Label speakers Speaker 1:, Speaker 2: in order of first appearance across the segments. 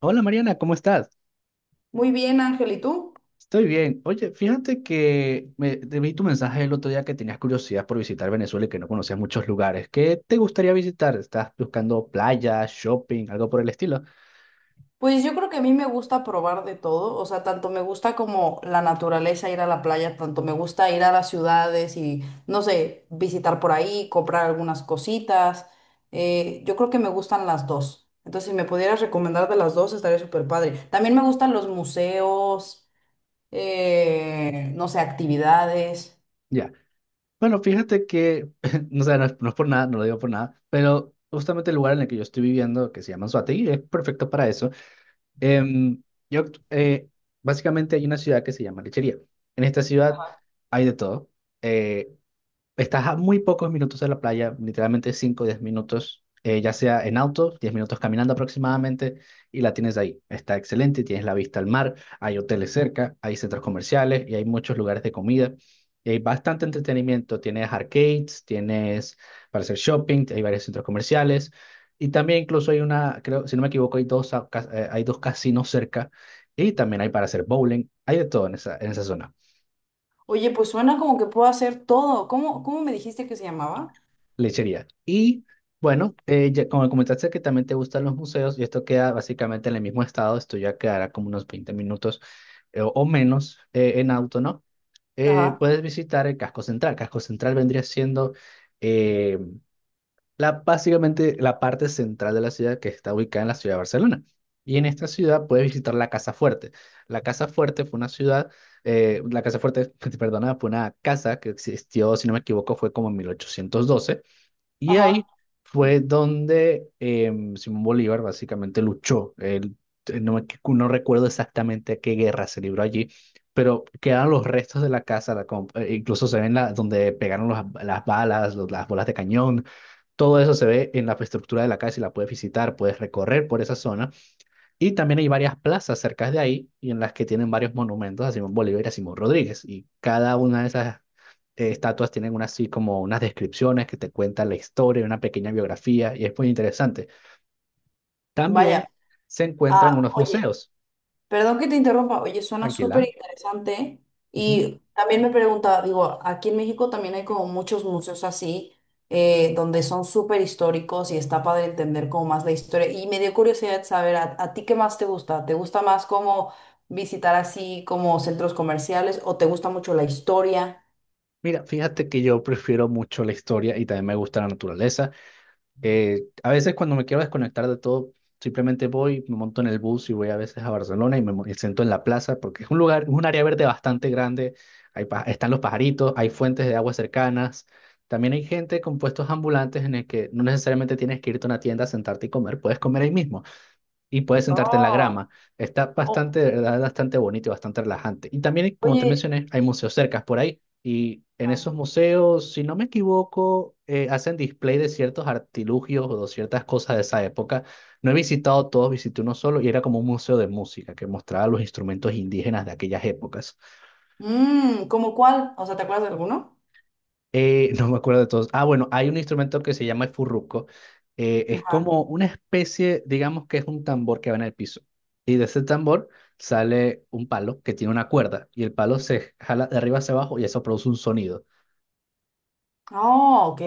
Speaker 1: Hola Mariana, ¿cómo estás?
Speaker 2: Muy bien, Ángel, ¿y tú?
Speaker 1: Estoy bien. Oye, fíjate que te vi tu mensaje el otro día que tenías curiosidad por visitar Venezuela y que no conocías muchos lugares. ¿Qué te gustaría visitar? ¿Estás buscando playas, shopping, algo por el estilo?
Speaker 2: Pues yo creo que a mí me gusta probar de todo, o sea, tanto me gusta como la naturaleza, ir a la playa, tanto me gusta ir a las ciudades y, no sé, visitar por ahí, comprar algunas cositas. Yo creo que me gustan las dos. Entonces, si me pudieras recomendar de las dos, estaría súper padre. También me gustan los museos, no sé, actividades.
Speaker 1: Ya. Bueno, fíjate que, no sé, no es por nada, no lo digo por nada, pero justamente el lugar en el que yo estoy viviendo, que se llama Anzoátegui, es perfecto para eso. Em, yo, eh, básicamente hay una ciudad que se llama Lechería. En esta ciudad hay de todo. Eh, Estás a muy pocos minutos de la playa, literalmente 5, o 10 minutos, ya sea en auto, 10 minutos caminando aproximadamente, y la tienes ahí. Está excelente, tienes la vista al mar, hay hoteles cerca, hay centros comerciales y hay muchos lugares de comida. Y hay bastante entretenimiento, tienes arcades, tienes para hacer shopping, hay varios centros comerciales, y también incluso hay una, creo, si no me equivoco, hay dos, hay dos casinos cerca, y también hay para hacer bowling, hay de todo en esa zona.
Speaker 2: Oye, pues suena como que puedo hacer todo. ¿Cómo me dijiste que se llamaba?
Speaker 1: Lechería. Y bueno, como comentaste que también te gustan los museos, y esto queda básicamente en el mismo estado, esto ya quedará como unos 20 minutos o menos en auto, ¿no? Eh,
Speaker 2: Ajá,
Speaker 1: puedes visitar el casco central. Casco central vendría siendo eh, básicamente la parte central de la ciudad que está ubicada en la ciudad de Barcelona. Y en esta ciudad puedes visitar la Casa Fuerte. La Casa Fuerte fue una ciudad, la Casa Fuerte, perdona, fue una casa que existió, si no me equivoco, fue como en 1812 y
Speaker 2: ajá.
Speaker 1: ahí fue donde Simón Bolívar básicamente luchó. Él, no, me no recuerdo exactamente a qué guerra se libró allí, pero quedaron los restos de la casa, incluso se ven la, donde pegaron las balas, las bolas de cañón, todo eso se ve en la estructura de la casa y la puedes visitar, puedes recorrer por esa zona. Y también hay varias plazas cerca de ahí y en las que tienen varios monumentos a Simón Bolívar y a Simón Rodríguez. Y cada una de esas estatuas tienen una, así como unas descripciones que te cuentan la historia, una pequeña biografía y es muy interesante. También
Speaker 2: Vaya.
Speaker 1: se encuentran
Speaker 2: Ah,
Speaker 1: unos
Speaker 2: oye.
Speaker 1: museos.
Speaker 2: Perdón que te interrumpa, oye, suena súper
Speaker 1: Tranquila.
Speaker 2: interesante.
Speaker 1: Ujú.
Speaker 2: Y también me preguntaba, digo, aquí en México también hay como muchos museos así, donde son súper históricos y está padre entender como más la historia. Y me dio curiosidad saber, ¿a ti qué más te gusta? ¿Te gusta más como visitar así como centros comerciales o te gusta mucho la historia?
Speaker 1: Mira, fíjate que yo prefiero mucho la historia y también me gusta la naturaleza. A veces cuando me quiero desconectar de todo, simplemente voy, me monto en el bus y voy a veces a Barcelona y siento en la plaza porque es un lugar, es un área verde bastante grande. Están los pajaritos, hay fuentes de agua cercanas. También hay gente con puestos ambulantes en el que no necesariamente tienes que irte a una tienda, a sentarte y comer, puedes comer ahí mismo y puedes sentarte en la
Speaker 2: Oh,
Speaker 1: grama. Está
Speaker 2: o-
Speaker 1: bastante, de verdad, bastante bonito y bastante relajante. Y también, como te
Speaker 2: oye,
Speaker 1: mencioné, hay museos cercas por ahí. Y en
Speaker 2: ah,
Speaker 1: esos museos, si no me equivoco, hacen display de ciertos artilugios o de ciertas cosas de esa época. No he visitado todos, visité uno solo y era como un museo de música que mostraba los instrumentos indígenas de aquellas épocas.
Speaker 2: ¿cómo cuál? O sea, ¿te acuerdas de alguno?
Speaker 1: No me acuerdo de todos. Ah, bueno, hay un instrumento que se llama el furruco. Es como una especie, digamos que es un tambor que va en el piso. Y de ese tambor sale un palo que tiene una cuerda y el palo se jala de arriba hacia abajo y eso produce un sonido.
Speaker 2: Oh, ok.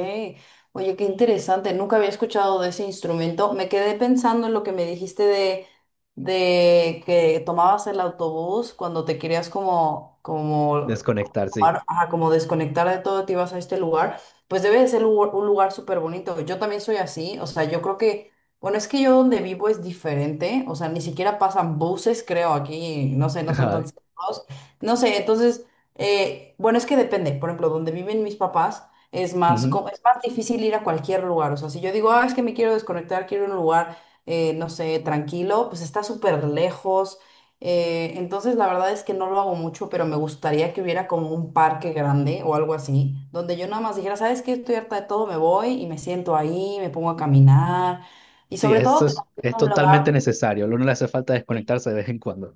Speaker 2: Oye, qué interesante. Nunca había escuchado de ese instrumento. Me quedé pensando en lo que me dijiste de que tomabas el autobús cuando te querías como, como, como
Speaker 1: Desconectar, sí.
Speaker 2: tomar- ajá, como desconectar de todo, te ibas a este lugar. Pues debe de ser un lugar súper bonito. Yo también soy así. O sea, yo creo que, bueno, es que yo donde vivo es diferente. O sea, ni siquiera pasan buses, creo, aquí. No sé, no son tan
Speaker 1: Ay,
Speaker 2: cerrados. No sé, entonces, bueno, es que depende. Por ejemplo, donde viven mis papás. Es más,
Speaker 1: ujú.
Speaker 2: es más difícil ir a cualquier lugar. O sea, si yo digo, ah, es que me quiero desconectar, quiero un lugar, no sé, tranquilo, pues está súper lejos. Entonces, la verdad es que no lo hago mucho, pero me gustaría que hubiera como un parque grande o algo así, donde yo nada más dijera, ¿sabes qué? Estoy harta de todo, me voy y me siento ahí, me pongo a caminar. Y
Speaker 1: Sí,
Speaker 2: sobre todo,
Speaker 1: eso
Speaker 2: que
Speaker 1: es,
Speaker 2: también
Speaker 1: es
Speaker 2: sea un
Speaker 1: totalmente
Speaker 2: lugar.
Speaker 1: necesario. A uno le hace falta desconectarse de vez en cuando.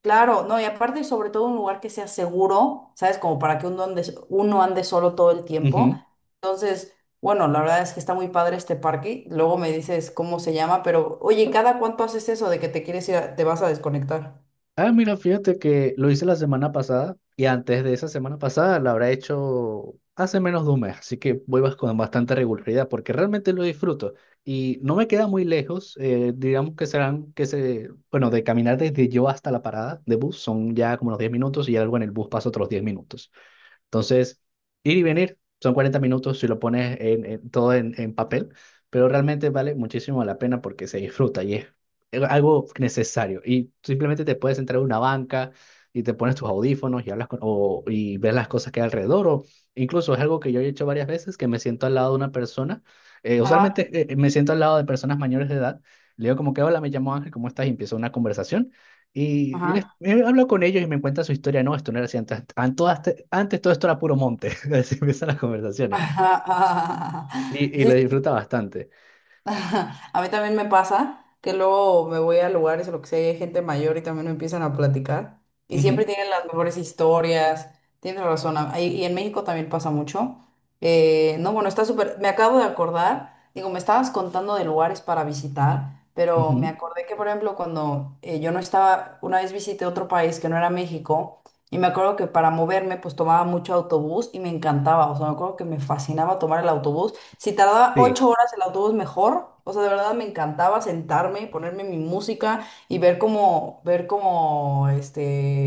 Speaker 2: Claro, no, y aparte sobre todo un lugar que sea seguro, ¿sabes? Como para que uno ande solo todo el tiempo.
Speaker 1: Ujú.
Speaker 2: Entonces, bueno, la verdad es que está muy padre este parque. Luego me dices cómo se llama, pero oye, ¿cada cuánto haces eso de que te quieres ir, te vas a desconectar?
Speaker 1: Ah, mira, fíjate que lo hice la semana pasada y antes de esa semana pasada la habrá hecho hace menos de un mes, así que voy con bastante regularidad porque realmente lo disfruto y no me queda muy lejos, digamos que serán, que se, bueno, de caminar desde yo hasta la parada de bus son ya como los 10 minutos y algo en el bus pasa otros 10 minutos. Entonces, ir y venir son 40 minutos si lo pones en, todo en, papel, pero realmente vale muchísimo la pena porque se disfruta y es algo necesario. Y simplemente te puedes entrar a una banca y te pones tus audífonos y hablas con, o, y ves las cosas que hay alrededor. O incluso es algo que yo he hecho varias veces, que me siento al lado de una persona. eh,
Speaker 2: Ajá,
Speaker 1: usualmente me siento al lado de personas mayores de edad. Le digo como que, hola, me llamo Ángel, ¿cómo estás? Y empiezo una conversación. Y les,
Speaker 2: ajá.
Speaker 1: he hablado con ellos y me cuentan su historia. No, esto no era así antes. Antes todo esto era puro monte. Así empiezan las conversaciones.
Speaker 2: Ajá, ajá,
Speaker 1: Y lo
Speaker 2: sí.
Speaker 1: disfruta bastante.
Speaker 2: A mí también me pasa que luego me voy a lugares o lo que sea, y hay gente mayor y también me empiezan a platicar. Y siempre
Speaker 1: Ujú,
Speaker 2: tienen las mejores historias. Tienes razón. Y en México también pasa mucho. No, bueno, está súper. Me acabo de acordar. Digo, me estabas contando de lugares para visitar, pero me
Speaker 1: ujú.
Speaker 2: acordé que, por ejemplo, cuando yo no estaba, una vez visité otro país que no era México, y me acuerdo que para moverme, pues tomaba mucho autobús y me encantaba. O sea, me acuerdo que me fascinaba tomar el autobús. Si tardaba
Speaker 1: Sí.
Speaker 2: 8 horas el autobús, mejor. O sea, de verdad me encantaba sentarme, ponerme mi música y ver cómo, ver cómo,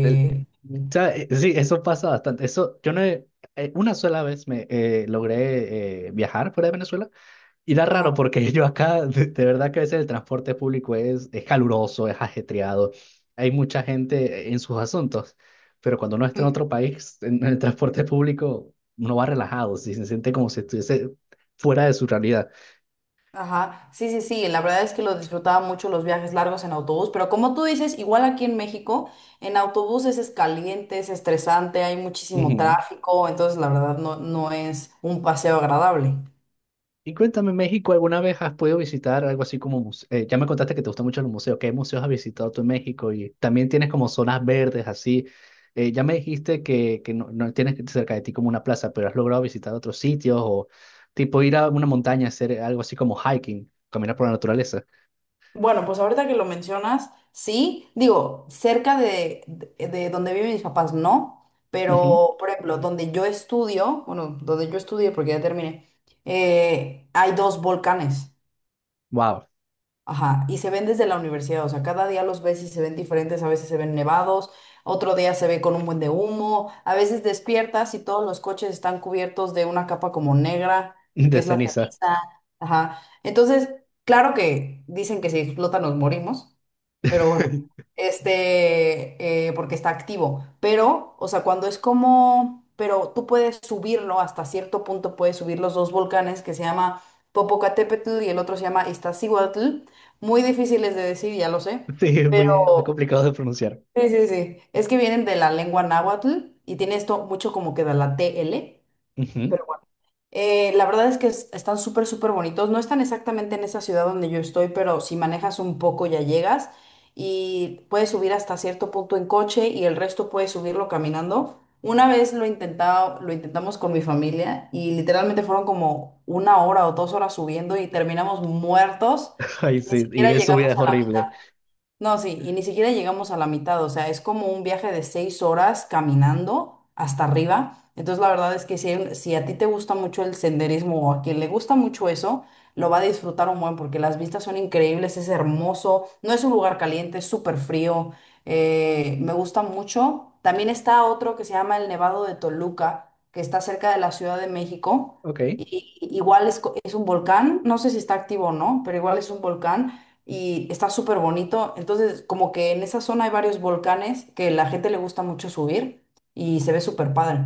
Speaker 1: El- o sea, sí, eso pasa bastante. Eso, yo no una sola vez me logré viajar fuera de Venezuela. Y da
Speaker 2: Ajá.
Speaker 1: raro porque yo acá, de verdad que a veces el transporte público es caluroso, es ajetreado, hay mucha gente en sus asuntos, pero cuando uno está en
Speaker 2: Ujú.
Speaker 1: otro país, en el transporte público, uno va relajado, sí, se siente como si estuviese fuera de su realidad.
Speaker 2: Ajá. Sí, sí, sí. La verdad es que lo disfrutaba mucho los viajes largos en autobús, pero como tú dices, igual aquí en México, en autobuses es caliente, es estresante, hay muchísimo
Speaker 1: Ujú.
Speaker 2: tráfico, entonces la verdad no, no es un paseo agradable.
Speaker 1: Y cuéntame, México, ¿alguna vez has podido visitar algo así como ya me contaste que te gustan mucho los museos. ¿Qué museos has visitado tú en México? Y también tienes como zonas verdes así. Ya me dijiste que no, no tienes cerca de ti como una plaza, pero has logrado visitar otros sitios o tipo ir a una montaña, hacer algo así como hiking, caminar por la naturaleza.
Speaker 2: Bueno, pues ahorita que lo mencionas, sí, digo, cerca de donde viven mis papás, no,
Speaker 1: Ujú.
Speaker 2: pero por ejemplo, donde yo estudio, bueno, donde yo estudié porque ya terminé, hay dos volcanes.
Speaker 1: Wow,
Speaker 2: Ajá, y se ven desde la universidad, o sea, cada día los ves y se ven diferentes, a veces se ven nevados, otro día se ve con un buen de humo, a veces despiertas y todos los coches están cubiertos de una capa como negra, que
Speaker 1: de
Speaker 2: es la
Speaker 1: ceniza.
Speaker 2: ceniza, ajá. Entonces, claro que dicen que si explota nos morimos, pero bueno, porque está activo, pero, o sea, cuando es como, pero tú puedes subirlo, hasta cierto punto puedes subir los dos volcanes que se llama... Popocatépetl y el otro se llama Iztaccíhuatl, muy difíciles de decir, ya lo sé,
Speaker 1: Sí, es muy, muy
Speaker 2: pero
Speaker 1: complicado de pronunciar.
Speaker 2: sí, sí, sí, es que vienen de la lengua náhuatl y tiene esto mucho como que de la TL,
Speaker 1: Ujú.
Speaker 2: pero bueno, la verdad es que están súper, súper bonitos, no están exactamente en esa ciudad donde yo estoy, pero si manejas un poco ya llegas y puedes subir hasta cierto punto en coche y el resto puedes subirlo caminando. Una vez lo intentaba, lo intentamos con mi familia y literalmente fueron como 1 hora o 2 horas subiendo y terminamos muertos
Speaker 1: Ay,
Speaker 2: y ni
Speaker 1: sí, ir
Speaker 2: siquiera
Speaker 1: en subida
Speaker 2: llegamos
Speaker 1: es
Speaker 2: a la mitad.
Speaker 1: horrible.
Speaker 2: No, sí, y ni siquiera llegamos a la mitad, o sea, es como un viaje de 6 horas caminando hasta arriba. Entonces, la verdad es que si, si a ti te gusta mucho el senderismo o a quien le gusta mucho eso, lo va a disfrutar un buen porque las vistas son increíbles, es hermoso, no es un lugar caliente, es súper frío, me gusta mucho. También está otro que se llama el Nevado de Toluca, que está cerca de la Ciudad de México.
Speaker 1: Ok.
Speaker 2: Y igual es un volcán, no sé si está activo o no, pero igual es un volcán y está súper bonito. Entonces, como que en esa zona hay varios volcanes que la gente le gusta mucho subir y se ve súper padre.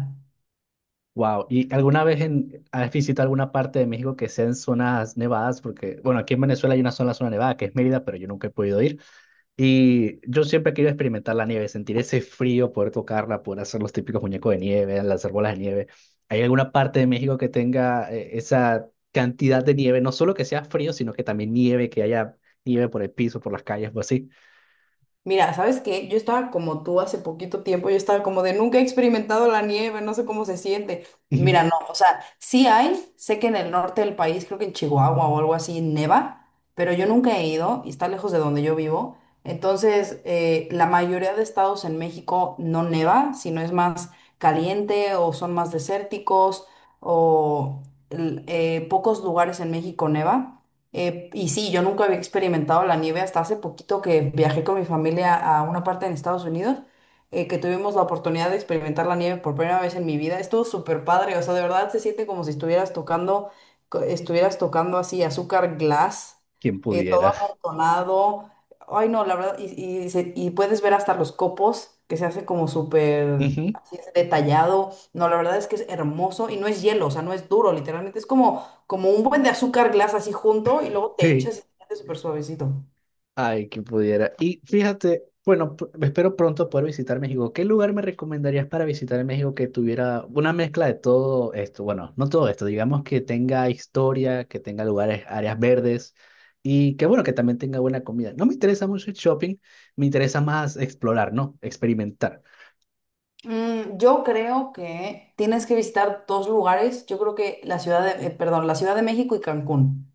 Speaker 1: Wow, ¿y alguna vez has visitado alguna parte de México que sea en zonas nevadas? Porque, bueno, aquí en Venezuela hay una zona, zona nevada que es Mérida, pero yo nunca he podido ir. Y yo siempre quiero experimentar la nieve, sentir ese frío, poder tocarla, poder hacer los típicos muñecos de nieve, lanzar bolas de nieve. ¿Hay alguna parte de México que tenga esa cantidad de nieve? No solo que sea frío, sino que también nieve, que haya nieve por el piso, por las calles o así.
Speaker 2: Mira, ¿sabes qué? Yo estaba como tú hace poquito tiempo, yo estaba como de nunca he experimentado la nieve, no sé cómo se siente. Y
Speaker 1: Ujú.
Speaker 2: mira, no, o sea, sí hay, sé que en el norte del país, creo que en Chihuahua o algo así, neva, pero yo nunca he ido y está lejos de donde yo vivo. Entonces, la mayoría de estados en México no neva, sino es más caliente o son más desérticos o pocos lugares en México neva. Y sí, yo nunca había experimentado la nieve hasta hace poquito que viajé con mi familia a una parte en Estados Unidos, que tuvimos la oportunidad de experimentar la nieve por primera vez en mi vida. Estuvo súper padre, o sea, de verdad se siente como si estuvieras tocando, estuvieras tocando así azúcar glass,
Speaker 1: Quien
Speaker 2: todo
Speaker 1: pudiera.
Speaker 2: amontonado. Ay, no, la verdad, y puedes ver hasta los copos, que se hace como súper
Speaker 1: Ujú.
Speaker 2: así detallado. No, la verdad es que es hermoso y no es hielo, o sea, no es duro, literalmente es como un buen de azúcar glass así junto y luego te
Speaker 1: Sí.
Speaker 2: echas y te hace súper suavecito.
Speaker 1: Ay, que pudiera. Y fíjate, bueno, espero pronto poder visitar México. ¿Qué lugar me recomendarías para visitar en México que tuviera una mezcla de todo esto? Bueno, no todo esto, digamos que tenga historia, que tenga lugares, áreas verdes y que bueno, que también tenga buena comida. No me interesa mucho el shopping, me interesa más explorar, ¿no? Experimentar.
Speaker 2: Yo creo que tienes que visitar dos lugares. Yo creo que la ciudad de, perdón, la Ciudad de México y Cancún.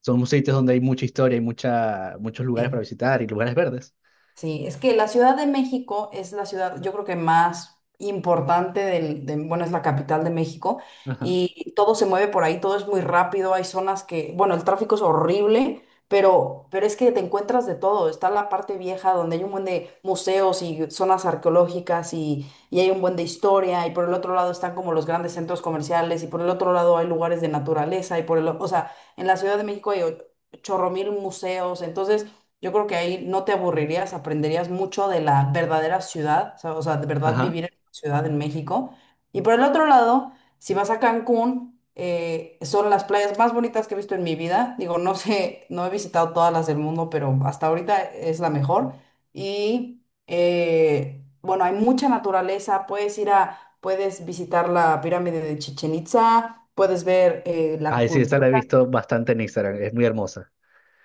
Speaker 1: Son sitios donde hay mucha historia, hay mucha, muchos lugares para
Speaker 2: Sí.
Speaker 1: visitar y lugares verdes.
Speaker 2: Sí, es que la Ciudad de México es la ciudad, yo creo que más importante del, bueno, es la capital de México
Speaker 1: Ajá,
Speaker 2: y todo se mueve por ahí, todo es muy rápido, hay zonas que, bueno, el tráfico es horrible, pero es que te encuentras de todo. Está la parte vieja donde hay un buen de museos y zonas arqueológicas y hay un buen de historia y por el otro lado están como los grandes centros comerciales y por el otro lado hay lugares de naturaleza y por el, o sea, en la Ciudad de México hay chorro mil museos, entonces yo creo que ahí no te aburrirías, aprenderías mucho de la verdadera ciudad, o sea, de verdad
Speaker 1: ajá.
Speaker 2: vivir en una ciudad en México. Y por el otro lado, si vas a Cancún, son las playas más bonitas que he visto en mi vida. Digo, no sé, no he visitado todas las del mundo, pero hasta ahorita es la mejor. Y bueno, hay mucha naturaleza, puedes ir a, puedes visitar la pirámide de Chichen Itza, puedes ver la
Speaker 1: Ay, sí, esa la he
Speaker 2: cultura.
Speaker 1: visto bastante en Instagram, es muy hermosa.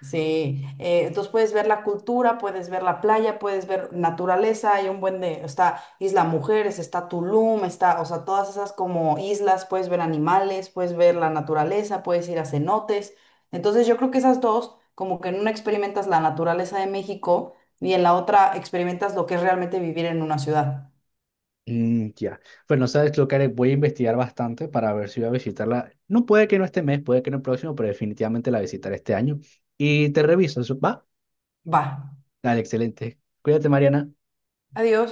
Speaker 2: Sí, entonces puedes ver la cultura, puedes ver la playa, puedes ver naturaleza, hay un buen de, está Isla Mujeres, está Tulum, está, o sea, todas esas como islas, puedes ver animales, puedes ver la naturaleza, puedes ir a cenotes. Entonces yo creo que esas dos, como que en una experimentas la naturaleza de México y en la otra experimentas lo que es realmente vivir en una ciudad.
Speaker 1: Mm, ya. Bueno, sabes lo que haré, voy a investigar bastante para ver si voy a visitarla. No puede que no este mes, puede que no el próximo, pero definitivamente la visitaré este año. Y te reviso, ¿va?
Speaker 2: Va,
Speaker 1: Dale, excelente. Cuídate, Mariana.
Speaker 2: adiós.